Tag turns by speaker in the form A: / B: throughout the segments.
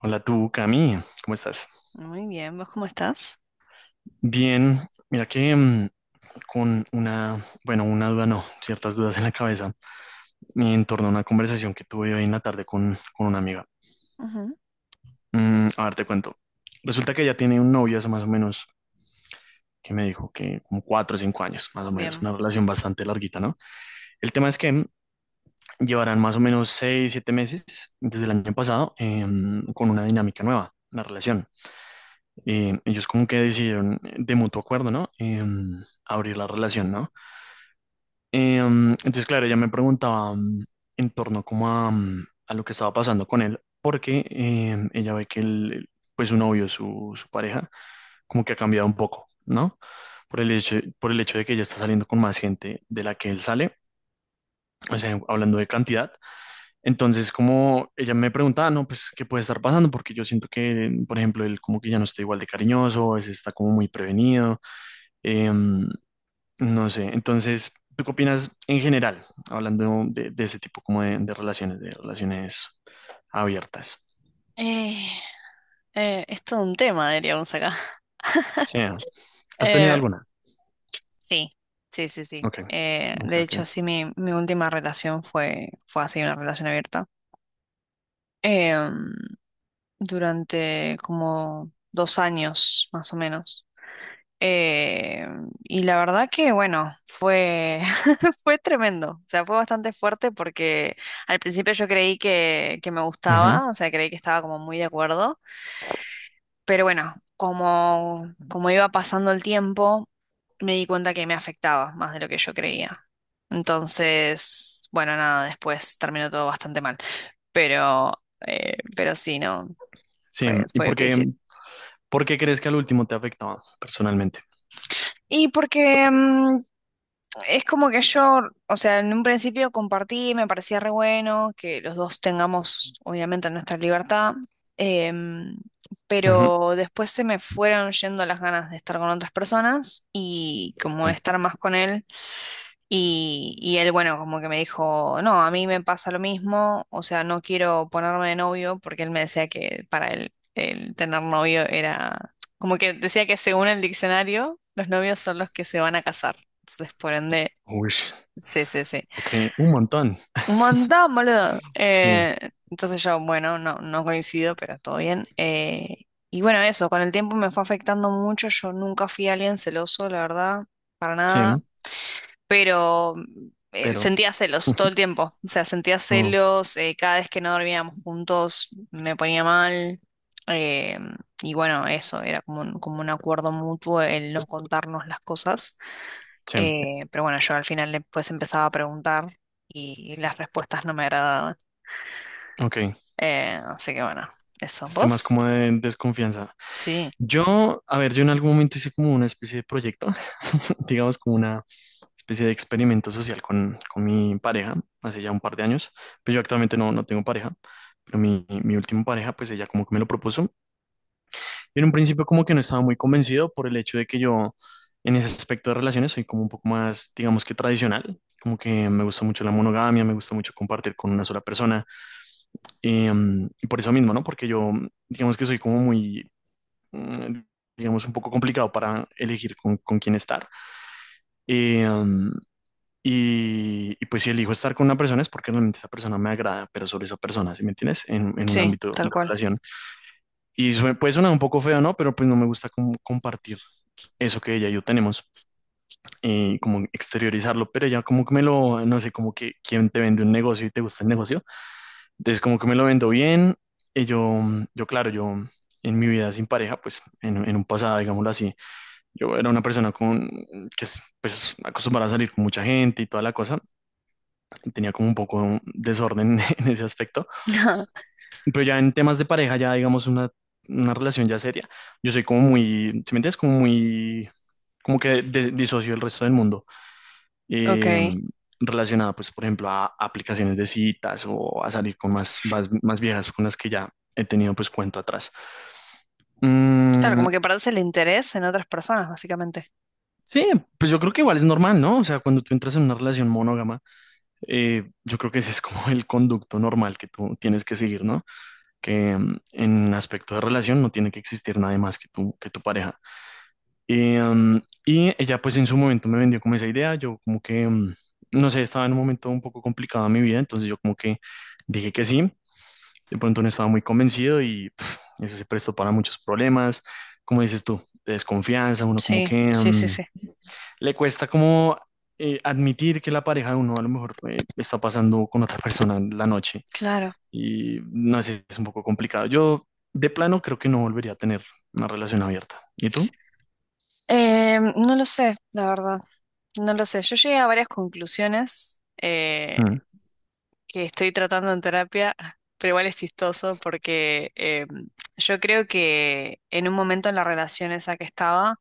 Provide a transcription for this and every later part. A: Hola tú, Cami, ¿cómo estás?
B: Muy bien, ¿vos cómo estás?
A: Bien, mira que con una, bueno, una duda no, ciertas dudas en la cabeza, me en torno a una conversación que tuve hoy en la tarde con una amiga.
B: Ujú,
A: A ver, te cuento. Resulta que ella tiene un novio hace más o menos, que me dijo que como cuatro o cinco años, más o menos,
B: bien.
A: una relación bastante larguita, ¿no? El tema es que llevarán más o menos seis, siete meses desde el año pasado con una dinámica nueva, la relación. Ellos como que decidieron de mutuo acuerdo, ¿no? Abrir la relación, ¿no? Entonces, claro, ella me preguntaba en torno como a, a lo que estaba pasando con él, porque ella ve que el, pues su novio, su pareja, como que ha cambiado un poco, ¿no? Por el hecho de que ella está saliendo con más gente de la que él sale, o sea, hablando de cantidad. Entonces, como ella me preguntaba, no, pues, ¿qué puede estar pasando? Porque yo siento que, por ejemplo, él como que ya no está igual de cariñoso, es, está como muy prevenido. Em, no sé, entonces, ¿tú qué opinas en general, hablando de ese tipo como de relaciones abiertas?
B: Eh, es todo un tema, diríamos acá.
A: Sí, ¿has tenido
B: Eh,
A: alguna?
B: sí, sí.
A: Ok, ok,
B: De hecho,
A: ok.
B: sí, mi última relación fue, fue así, una relación abierta. Em, Durante como 2 años, más o menos. Y la verdad que, bueno, fue, fue tremendo. O sea, fue bastante fuerte porque al principio yo creí que me
A: Ujú.
B: gustaba, o sea, creí que estaba como muy de acuerdo. Pero bueno, como, como iba pasando el tiempo, me di cuenta que me afectaba más de lo que yo creía. Entonces, bueno, nada, después terminó todo bastante mal. Pero, pero sí, no,
A: Sí,
B: fue,
A: ¿y
B: fue difícil.
A: por qué crees que al último te afectaba personalmente?
B: Y porque es como que yo, o sea, en un principio compartí, me parecía re bueno que los dos tengamos, obviamente, nuestra libertad, em,
A: Ujú,
B: pero después se me fueron yendo las ganas de estar con otras personas y como
A: sí.
B: de estar más con él. Y él, bueno, como que me dijo, no, a mí me pasa lo mismo, o sea, no quiero ponerme de novio porque él me decía que para él el tener novio era, como que decía que según el diccionario, los novios son los que se van a casar. Entonces, por ende...
A: Uy,
B: Sí, sí, sí.
A: ok, un montón.
B: Un montón, boludo.
A: Sí,
B: Entonces yo, bueno, no, no coincido, pero todo bien. Y bueno, eso, con el tiempo me fue afectando mucho. Yo nunca fui alguien celoso, la verdad, para nada.
A: sí,
B: Pero
A: pero
B: sentía celos todo el tiempo. O sea, sentía
A: no,
B: celos. Cada vez que no dormíamos juntos me ponía mal. eh, y bueno, eso, era como un acuerdo mutuo el no contarnos las cosas.
A: sí,
B: Pero bueno, yo al final le pues empezaba a preguntar y las respuestas no me agradaban.
A: ok.
B: Así que bueno, eso.
A: Este más
B: ¿Vos?
A: como de desconfianza.
B: Sí,
A: Yo, a ver, yo en algún momento hice como una especie de proyecto, digamos como una especie de experimento social con mi pareja, hace ya un par de años, pero yo actualmente no, no tengo pareja, pero mi última pareja, pues ella como que me lo propuso. Y en un principio como que no estaba muy convencido por el hecho de que yo en ese aspecto de relaciones soy como un poco más, digamos que tradicional, como que me gusta mucho la monogamia, me gusta mucho compartir con una sola persona. Y por eso mismo, ¿no? Porque yo, digamos que soy como muy mm, digamos, un poco complicado para elegir con quién estar. Eh, um, y, y, pues si elijo estar con una persona es porque realmente esa persona me agrada, pero sobre esa persona, ¿sí me entiendes? En un
B: sí,
A: ámbito
B: tal
A: de
B: cual.
A: relación. Y puede sonar un poco feo, ¿no? Pero pues no me gusta como compartir eso que ella y yo tenemos, como exteriorizarlo, pero ya como que me lo, no sé, como que quien te vende un negocio y te gusta el negocio, entonces como que me lo vendo bien, y yo claro, yo en mi vida sin pareja, pues en un pasado, digámoslo así, yo era una persona que es pues, acostumbrada a salir con mucha gente y toda la cosa. Tenía como un poco un desorden en ese aspecto. Pero ya en temas de pareja, ya digamos una relación ya seria, yo soy como muy, ¿sí me entiendes? Como muy, como que disocio del resto del mundo. eh,
B: Ok.
A: Relacionada, pues, por ejemplo, a aplicaciones de citas o a salir con más, más, más viejas con las que ya he tenido pues cuento atrás.
B: Claro,
A: Mm,
B: como que parece el interés en otras personas, básicamente.
A: sí, pues yo creo que igual es normal, ¿no? O sea, cuando tú entras en una relación monógama yo creo que ese es como el conducto normal que tú tienes que seguir, ¿no? Que en aspecto de relación no tiene que existir nadie más que tú, que tu pareja. Y, mm, y ella pues en su momento me vendió como esa idea, yo como que, no sé, estaba en un momento un poco complicado en mi vida, entonces yo como que dije que sí, de pronto no estaba muy convencido y pff, eso se prestó para muchos problemas, como dices tú, de desconfianza, uno como
B: Sí,
A: que...
B: sí, sí, sí.
A: le cuesta como admitir que la pareja de uno a lo mejor está pasando con otra persona en la noche
B: Claro.
A: y no sé, es un poco complicado. Yo de plano creo que no volvería a tener una relación abierta. ¿Y tú?
B: No lo sé, la verdad. No lo sé. Yo llegué a varias conclusiones.
A: Mm.
B: Que estoy tratando en terapia, pero igual es chistoso porque yo creo que en un momento en la relación esa que estaba,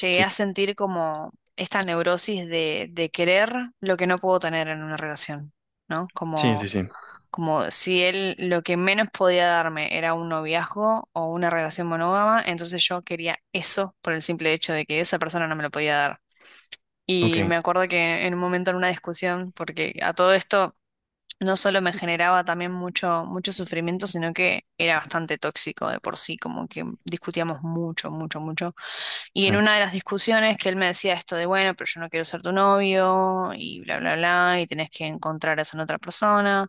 B: llegué
A: Sí,
B: a sentir como esta neurosis de querer lo que no puedo tener en una relación, ¿no?
A: sí, sí,
B: Como,
A: sí.
B: como si él lo que menos podía darme era un noviazgo o una relación monógama, entonces yo quería eso por el simple hecho de que esa persona no me lo podía dar.
A: Ok,
B: Y me acuerdo que en un momento en una discusión, porque a todo esto no solo me generaba también mucho, mucho sufrimiento, sino que era bastante tóxico de por sí, como que discutíamos mucho, mucho, mucho. Y
A: sí,
B: en una de las discusiones que él me decía esto de, bueno, pero yo no quiero ser tu novio y bla, bla, bla, y tenés que encontrar eso en otra persona.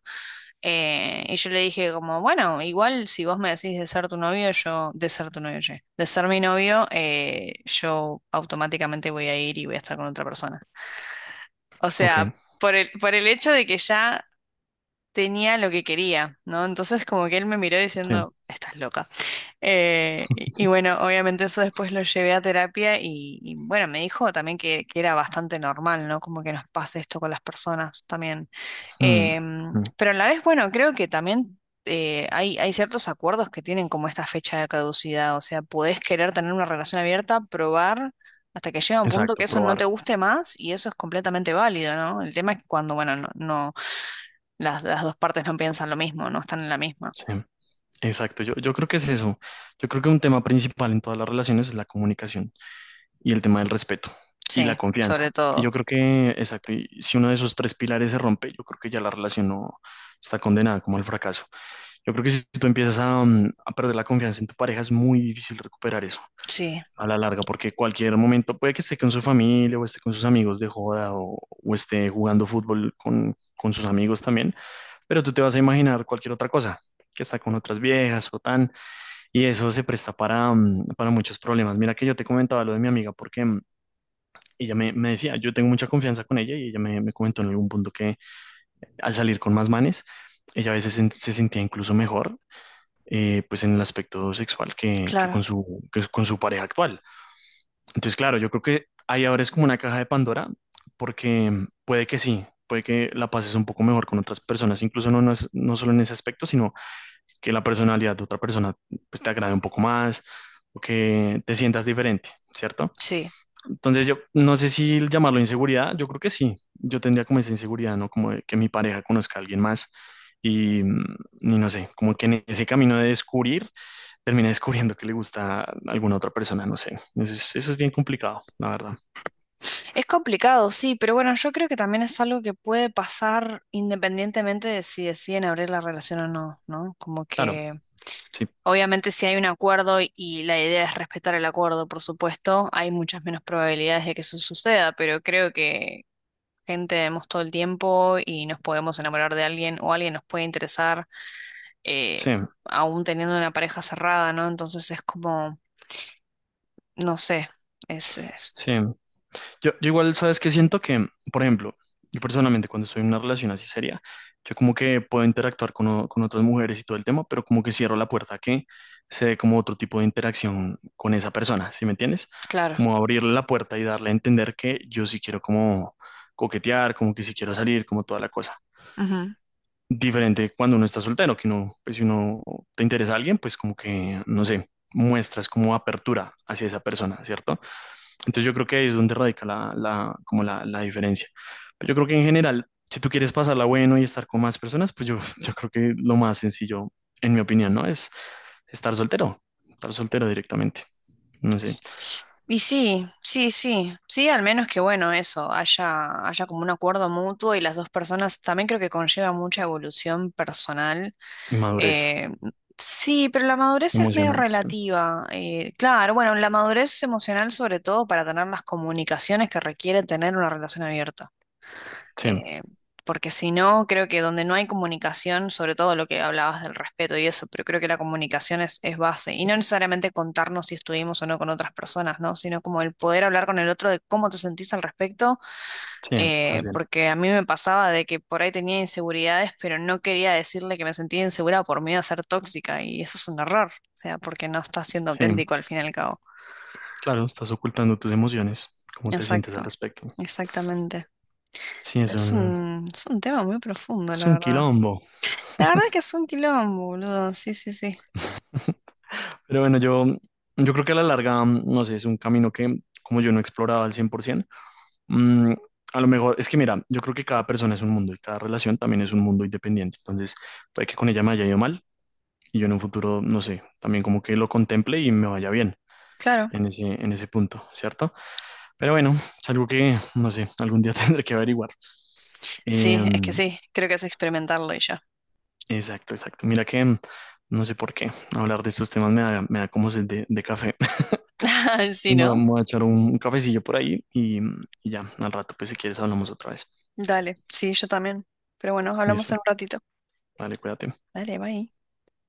B: Y yo le dije como, bueno, igual si vos me decís de ser tu novio, yo, de ser tu novio, che, de ser mi novio, yo automáticamente voy a ir y voy a estar con otra persona. O
A: ok,
B: sea... por el hecho de que ya tenía lo que quería, ¿no? Entonces como que él me miró
A: sí.
B: diciendo, estás loca. Y bueno, obviamente eso después lo llevé a terapia y bueno, me dijo también que era bastante normal, ¿no? Como que nos pase esto con las personas también.
A: Mm, mm.
B: Pero a la vez, bueno, creo que también... Hay, hay ciertos acuerdos que tienen como esta fecha de caducidad, o sea, podés querer tener una relación abierta, probar hasta que llega un punto que
A: Exacto,
B: eso no te
A: probar.
B: guste más y eso es completamente válido, ¿no? El tema es que cuando, bueno, no, no las dos partes no piensan lo mismo, no están en la misma.
A: Sí, exacto. Yo creo que es eso. Yo creo que un tema principal en todas las relaciones es la comunicación. Y el tema del respeto y la
B: Sí, sobre
A: confianza. Y yo
B: todo.
A: creo que, exacto, y si uno de esos tres pilares se rompe, yo creo que ya la relación no está condenada como al fracaso. Yo creo que si tú empiezas a, a perder la confianza en tu pareja, es muy difícil recuperar eso
B: Sí,
A: a la larga, porque cualquier momento, puede que esté con su familia o esté con sus amigos de joda o esté jugando fútbol con sus amigos también, pero tú te vas a imaginar cualquier otra cosa, que está con otras viejas o tan, y eso se presta para, para muchos problemas. Mira que yo te comentaba lo de mi amiga, porque ella me decía, yo tengo mucha confianza con ella y ella me comentó en algún punto que al salir con más manes, ella a veces se sentía incluso mejor, pues en el aspecto sexual
B: claro,
A: que con su pareja actual. Entonces, claro, yo creo que ahí ahora es como una caja de Pandora, porque puede que sí. Puede que la pases un poco mejor con otras personas, incluso no, no, no solo en ese aspecto, sino que la personalidad de otra persona pues, te agrade un poco más o que te sientas diferente, ¿cierto?
B: sí.
A: Entonces yo no sé si llamarlo inseguridad, yo creo que sí. Yo tendría como esa inseguridad, ¿no? Como de que mi pareja conozca a alguien más y, mm, y no sé, como que en ese camino de descubrir, termina descubriendo que le gusta a alguna otra persona, no sé. Eso es bien complicado, la verdad.
B: Es complicado, sí, pero bueno, yo creo que también es algo que puede pasar independientemente de si deciden abrir la relación o no, ¿no? Como
A: Claro,
B: que
A: sí,
B: obviamente si hay un acuerdo y la idea es respetar el acuerdo, por supuesto, hay muchas menos probabilidades de que eso suceda, pero creo que gente vemos todo el tiempo y nos podemos enamorar de alguien o alguien nos puede interesar. eh,
A: sí,
B: Aún teniendo una pareja cerrada, ¿no? Entonces es como, no sé, es-
A: sí. Yo igual, ¿sabes qué siento? Que, por ejemplo, yo personalmente cuando estoy en una relación así seria, yo como que puedo interactuar con, con otras mujeres y todo el tema, pero como que cierro la puerta a que se dé como otro tipo de interacción con esa persona, ¿sí me entiendes?
B: claro.
A: Como abrirle la puerta y darle a entender que yo sí quiero como coquetear, como que sí quiero salir, como toda la cosa.
B: Ujú.
A: Diferente cuando uno está soltero, que no, pues si uno te interesa a alguien, pues como que, no sé, muestras como apertura hacia esa persona, ¿cierto? Entonces yo creo que ahí es donde radica como la diferencia. Pero yo creo que en general, si tú quieres pasarla bueno y estar con más personas, pues yo, yo creo que lo más sencillo, en mi opinión, ¿no? Es estar soltero, estar soltero directamente, no sé,
B: Y sí, sí, sí, sí, al menos que bueno, eso, haya, haya como un acuerdo mutuo y las dos personas también creo que conlleva mucha evolución personal.
A: y madurez
B: Eh, sí, pero la madurez es medio
A: emocional, sí,
B: relativa. Claro, bueno, la madurez emocional sobre todo para tener las comunicaciones que requiere tener una relación abierta.
A: sí,
B: eh, Porque si no, creo que donde no hay comunicación, sobre todo lo que hablabas del respeto y eso, pero creo que la comunicación es base. Y no necesariamente contarnos si estuvimos o no con otras personas, ¿no? Sino como el poder hablar con el otro de cómo te sentís al respecto,
A: sí, más bien,
B: porque a mí me pasaba de que por ahí tenía inseguridades, pero no quería decirle que me sentía insegura por miedo a ser tóxica, y eso es un error, o sea, porque no estás siendo
A: sí.
B: auténtico al fin y al cabo.
A: Claro, estás ocultando tus emociones, cómo te sientes
B: Exacto,
A: al respecto.
B: exactamente.
A: Sí,
B: Es un tema muy profundo,
A: es
B: la
A: un
B: verdad.
A: quilombo.
B: La verdad que es un quilombo, boludo. Sí, sí, sí.
A: Pero bueno, yo creo que a la larga, no sé, es un camino que como yo no he explorado al 100%. Mm, a lo mejor, es que mira, yo creo que cada persona es un mundo y cada relación también es un mundo independiente. Entonces, puede que con ella me haya ido mal y yo en un futuro, no sé, también como que lo contemple y me vaya bien
B: Claro.
A: en ese punto, ¿cierto? Pero bueno, es algo que, no sé, algún día tendré que averiguar.
B: Sí, es que
A: Em,
B: sí. Creo que es experimentarlo y ya.
A: exacto, exacto. Mira que, no sé por qué, hablar de estos temas me da como sed de café.
B: Sí, ¿no?
A: Me voy a echar un cafecillo por ahí y ya, al rato, pues si quieres hablamos otra vez.
B: Dale. Sí, yo también. Pero bueno,
A: Y
B: hablamos
A: eso,
B: en un ratito.
A: vale, cuídate.
B: Dale, bye.